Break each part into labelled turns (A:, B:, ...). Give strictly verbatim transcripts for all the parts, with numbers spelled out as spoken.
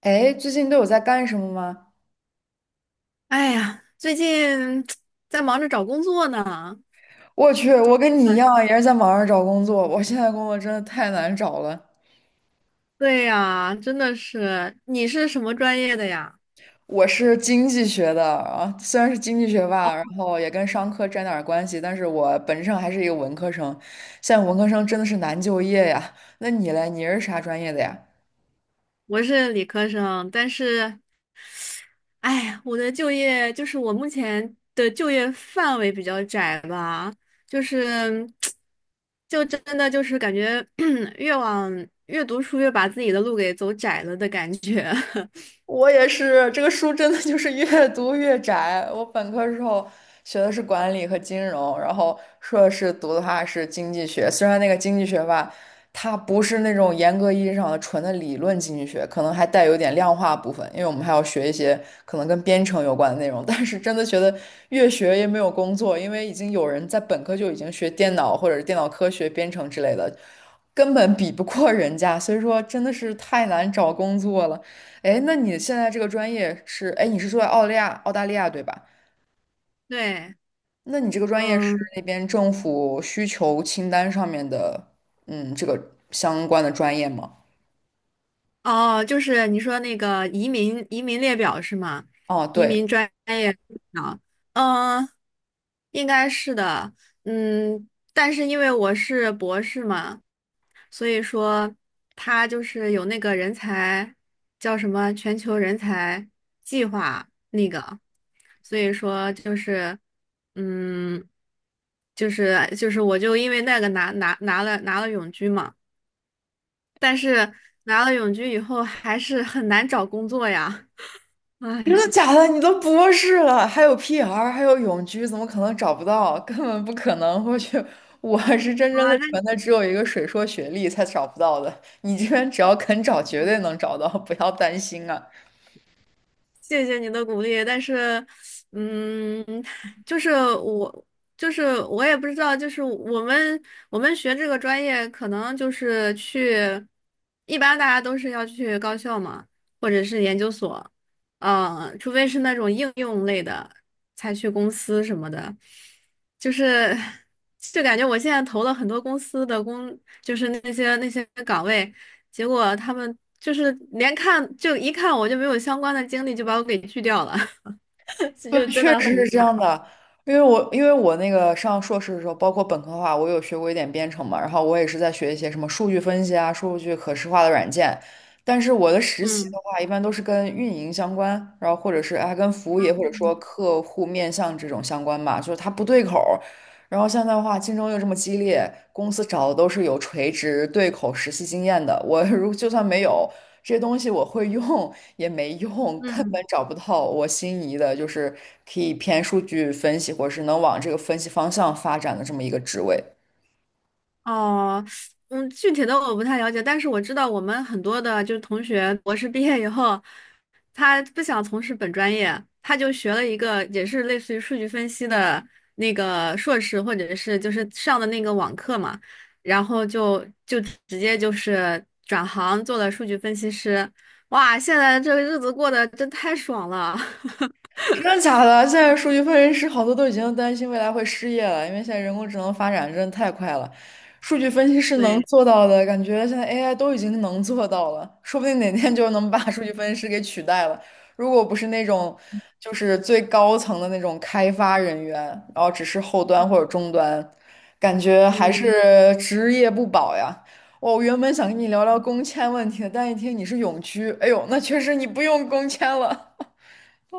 A: 哎，最近都有在干什么吗？
B: 哎呀，最近 在忙着找工作呢。
A: 我去，我跟你一
B: 啊，
A: 样，也是在网上找工作。我现在工作真的太难找了。
B: 对呀，真的是。你是什么专业的呀？
A: 我是经济学的啊，虽然是经济学吧，然后也跟商科沾点儿关系，但是我本质上还是一个文科生。现在文科生真的是难就业呀。那你嘞？你是啥专业的呀？
B: 我是理科生，但是，哎呀，我的就业就是我目前的就业范围比较窄吧，就是，就真的就是感觉 越往越读书越把自己的路给走窄了的感觉。
A: 我也是，这个书真的就是 越读越窄。我本科时候学的是管理和金融，然后硕士读的话是经济学。虽然那个经济学吧，它不是那种严格意义上的纯的理论经济学，可能还带有点量化部分，因为我们还要学一些可能跟编程有关的内容。但是真的觉得越学越没有工作，因为已经有人在本科就已经学电脑或者是电脑科学、编程之类的，根本比不过人家，所以说真的是太难找工作了。哎，那你现在这个专业是，哎，你是住在澳大利亚，澳大利亚对吧？
B: 对，
A: 那你这个专业是
B: 嗯。
A: 那边政府需求清单上面的，嗯，这个相关的专业吗？
B: 哦，就是你说那个移民移民列表是吗？
A: 哦，
B: 移
A: 对，
B: 民专业啊，嗯，应该是的，嗯，但是因为我是博士嘛，所以说他就是有那个人才叫什么全球人才计划那个，所以说就是，嗯，就是就是我就因为那个拿拿拿了拿了永居嘛。但是拿了永居以后还是很难找工作呀。
A: 真的
B: 唉，
A: 假的？你都博士了，还有 P R,还有永居，怎么可能找不到？根本不可能！我去，我是真真
B: 哇，
A: 的
B: 那
A: 纯的，只有一个水硕学历才找不到的。你这边只要肯找，绝对能找到，不要担心啊。
B: 谢谢你的鼓励，但是，嗯，就是我，就是我也不知道，就是我们我们学这个专业，可能就是去，一般大家都是要去高校嘛，或者是研究所，嗯，除非是那种应用类的，才去公司什么的，就是就感觉我现在投了很多公司的工，就是那些那些岗位。结果他们就是连看就一看我就没有相关的经历，就把我给拒掉了，这
A: 对，
B: 就真
A: 确
B: 的
A: 实
B: 很
A: 是这
B: 惨。
A: 样的，因为我因为我那个上硕士的时候，包括本科的话，我有学过一点编程嘛，然后我也是在学一些什么数据分析啊、数据可视化的软件，但是我的实习的
B: 嗯
A: 话，一般都是跟运营相关，然后或者是啊跟服务业或者说客户面向这种相关吧，就是它不对口，然后现在的话，竞争又这么激烈，公司找的都是有垂直对口实习经验的。我 如就算没有这些东西，我会用也没用，根本
B: 嗯。
A: 找不到我心仪的，就是可以偏数据分析，或者是能往这个分析方向发展的这么一个职位。
B: 哦，嗯，具体的我不太了解，但是我知道我们很多的就是同学，博士毕业以后，他不想从事本专业，他就学了一个也是类似于数据分析的那个硕士，或者是就是上的那个网课嘛，然后就就直接就是转行做了数据分析师，哇，现在这个日子过得真太爽了，
A: 真的假的？现在数据分析师好多都已经担心未来会失业了，因为现在人工智能发展真的太快了。数据分析师能
B: 对，
A: 做到的，感觉现在 A I 都已经能做到了，说不定哪天就能把数据分析师给取代了。如果不是那种就是最高层的那种开发人员，然后只是后端或者终端，感觉还
B: 嗯。
A: 是职业不保呀。我原本想跟你聊聊工签问题的，但一听你是永居，哎呦，那确实你不用工签了。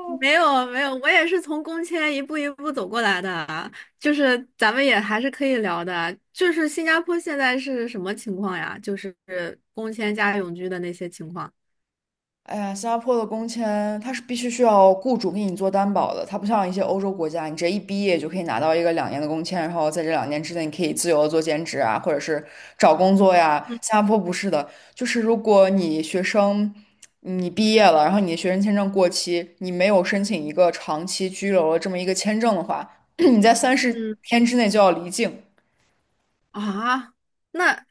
B: 没有没有，我也是从工签一步一步走过来的，就是咱们也还是可以聊的。就是新加坡现在是什么情况呀？就是工签加永居的那些情况。
A: 哎呀，新加坡的工签它是必须需要雇主给你做担保的，它不像一些欧洲国家，你直接一毕业就可以拿到一个两年的工签，然后在这两年之内你可以自由的做兼职啊，或者是找工作呀。
B: 嗯
A: 新加坡不是的，就是如果你学生你毕业了，然后你的学生签证过期，你没有申请一个长期居留的这么一个签证的话，你在三十
B: 嗯
A: 天之内就要离境。
B: 啊，那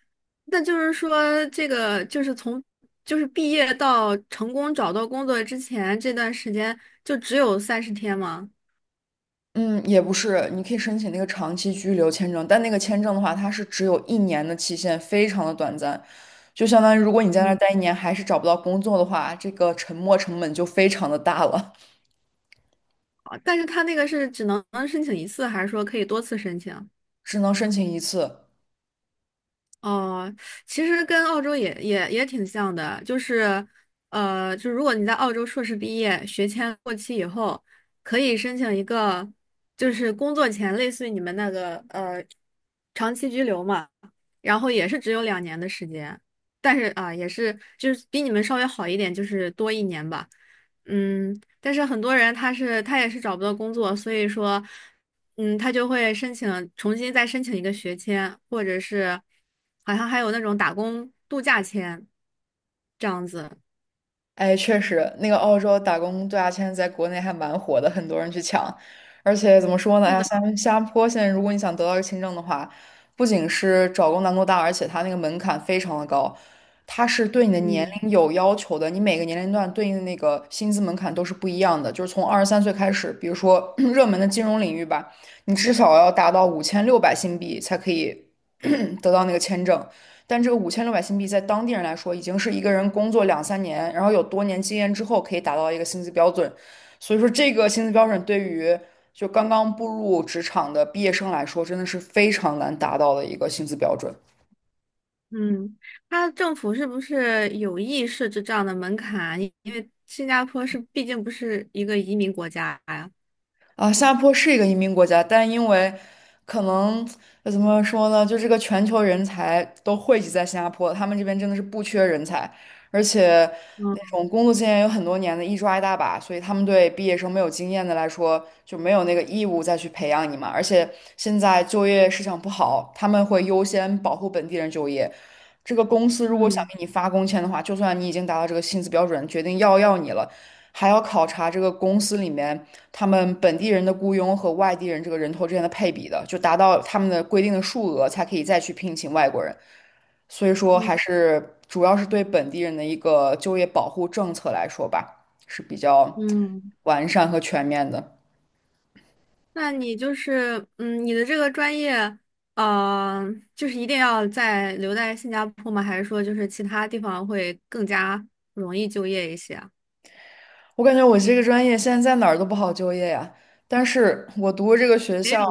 B: 那就是说，这个就是从就是毕业到成功找到工作之前这段时间，就只有三十天吗？
A: 嗯，也不是，你可以申请那个长期居留签证，但那个签证的话，它是只有一年的期限，非常的短暂。就相当于如果你在那儿
B: 嗯，
A: 待一年还是找不到工作的话，这个沉没成本就非常的大了，
B: 啊但是他那个是只能申请一次，还是说可以多次申请？
A: 只能申请一次。
B: 哦，其实跟澳洲也也也挺像的，就是，呃，就如果你在澳洲硕士毕业，学签过期以后，可以申请一个，就是工作前类似于你们那个呃长期居留嘛，然后也是只有两年的时间，但是啊、也是就是比你们稍微好一点，就是多一年吧，嗯，但是很多人他是他也是找不到工作，所以说。嗯，他就会申请重新再申请一个学签，或者是好像还有那种打工度假签这样子。
A: 哎，确实，那个澳洲打工度假签在国内还蛮火的，很多人去抢。而且怎么说呢？哎
B: 是
A: 呀，
B: 的，
A: 新新加坡现在如果你想得到一个签证的话，不仅是找工难度大，而且它那个门槛非常的高，它是对你的年
B: 嗯
A: 龄有要求的。你每个年龄段对应的那个薪资门槛都是不一样的，就是从二十三岁开始，比如说 热门的金融领域吧，你至少要达到五千六百新币才可以 得到那个签证。但这个五千六百新币在当地人来说，已经是一个人工作两三年，然后有多年经验之后可以达到一个薪资标准。所以说，这个薪资标准对于就刚刚步入职场的毕业生来说，真的是非常难达到的一个薪资标准。
B: 嗯，他政府是不是有意设置这样的门槛？因因为新加坡是毕竟不是一个移民国家呀。
A: 啊，新加坡是一个移民国家，但因为可能呃怎么说呢，就这个全球人才都汇集在新加坡，他们这边真的是不缺人才，而且那
B: 嗯
A: 种工作经验有很多年的，一抓一大把，所以他们对毕业生没有经验的来说就没有那个义务再去培养你嘛。而且现在就业市场不好，他们会优先保护本地人就业。这个公司如果想
B: 嗯
A: 给你发工签的话，就算你已经达到这个薪资标准，决定要要你了。还要考察这个公司里面他们本地人的雇佣和外地人这个人头之间的配比的，就达到他们的规定的数额才可以再去聘请外国人。所以说，还
B: 嗯
A: 是主要是对本地人的一个就业保护政策来说吧，是比较
B: 嗯。
A: 完善和全面的。
B: 那你就是，嗯，你的这个专业，呃，就是一定要在留在新加坡吗？还是说就是其他地方会更加容易就业一些啊
A: 我感觉我这个专业现在在哪儿都不好就业呀，但是我读的这个学
B: 没有，
A: 校，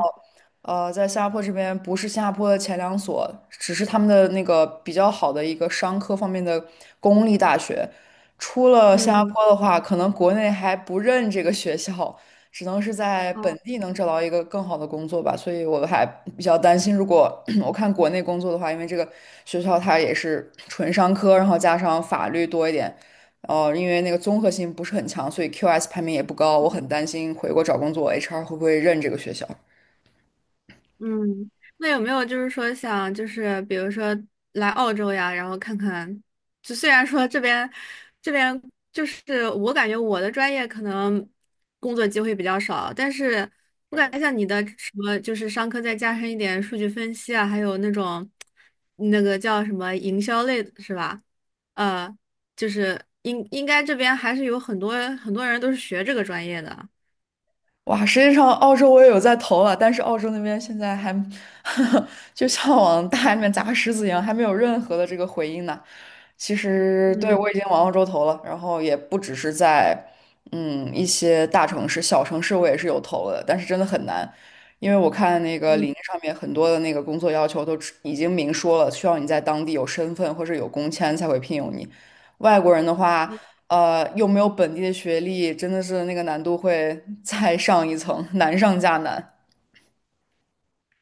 A: 呃，在新加坡这边不是新加坡的前两所，只是他们的那个比较好的一个商科方面的公立大学。出了新加
B: 嗯，
A: 坡的话，可能国内还不认这个学校，只能是在本
B: 哦
A: 地能找到一个更好的工作吧。所以我还比较担心，如果 我看国内工作的话，因为这个学校它也是纯商科，然后加上法律多一点。哦，因为那个综合性不是很强，所以 Q S 排名也不高。我很担心回国找工作，H R 会不会认这个学校？
B: 嗯，那有没有就是说想就是比如说来澳洲呀，然后看看，就虽然说这边这边就是我感觉我的专业可能工作机会比较少，但是我感觉像你的什么就是商科再加深一点数据分析啊，还有那种那个叫什么营销类的是吧？呃，就是应应该这边还是有很多很多人都是学这个专业的。
A: 哇，实际上澳洲我也有在投了，但是澳洲那边现在还 就像往大海里面砸石子一样，还没有任何的这个回应呢。其实对
B: 嗯。
A: 我已经往澳洲投了，然后也不只是在嗯一些大城市、小城市我也是有投的，但是真的很难，因为我看那个
B: 嗯
A: 领英上面很多的那个工作要求都只已经明说了，需要你在当地有身份或者有工签才会聘用你。外国人的话。呃，有没有本地的学历，真的是那个难度会 再上一层，难上加难。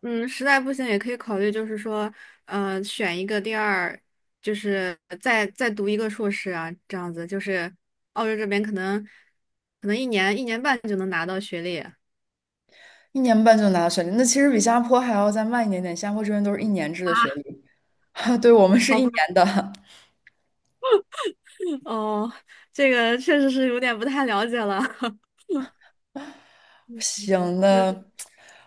B: 嗯，实在不行也可以考虑，就是说，呃，选一个第二，就是再再读一个硕士啊，这样子，就是澳洲这边可能可能一年一年半就能拿到学历，啊，
A: 一年半就拿到学历，那其实比新加坡还要再慢一点点。新加坡这边都是一年制的学历，对我们是
B: 好
A: 一
B: 吧？
A: 年的。
B: 哦，这个确实是有点不太了解了，
A: 行，
B: 那
A: 那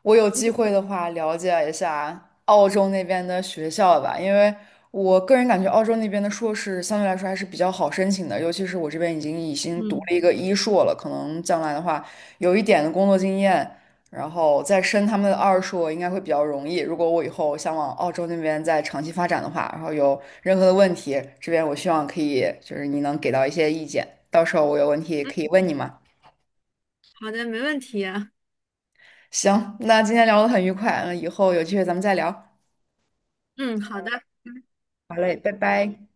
A: 我有机会的话了解一下澳洲那边的学校吧，因为我个人感觉澳洲那边的硕士相对来说还是比较好申请的，尤其是我这边已经已经读了一个一硕了，可能将来的话有一点的工作经验，然后再申他们的二硕应该会比较容易。如果我以后想往澳洲那边再长期发展的话，然后有任何的问题，这边我希望可以就是你能给到一些意见，到时候我有问题可以问你嘛。
B: 好的，没问题。
A: 行，那今天聊得很愉快，嗯，以后有机会咱们再聊。
B: 嗯，好的，
A: 好嘞，拜拜。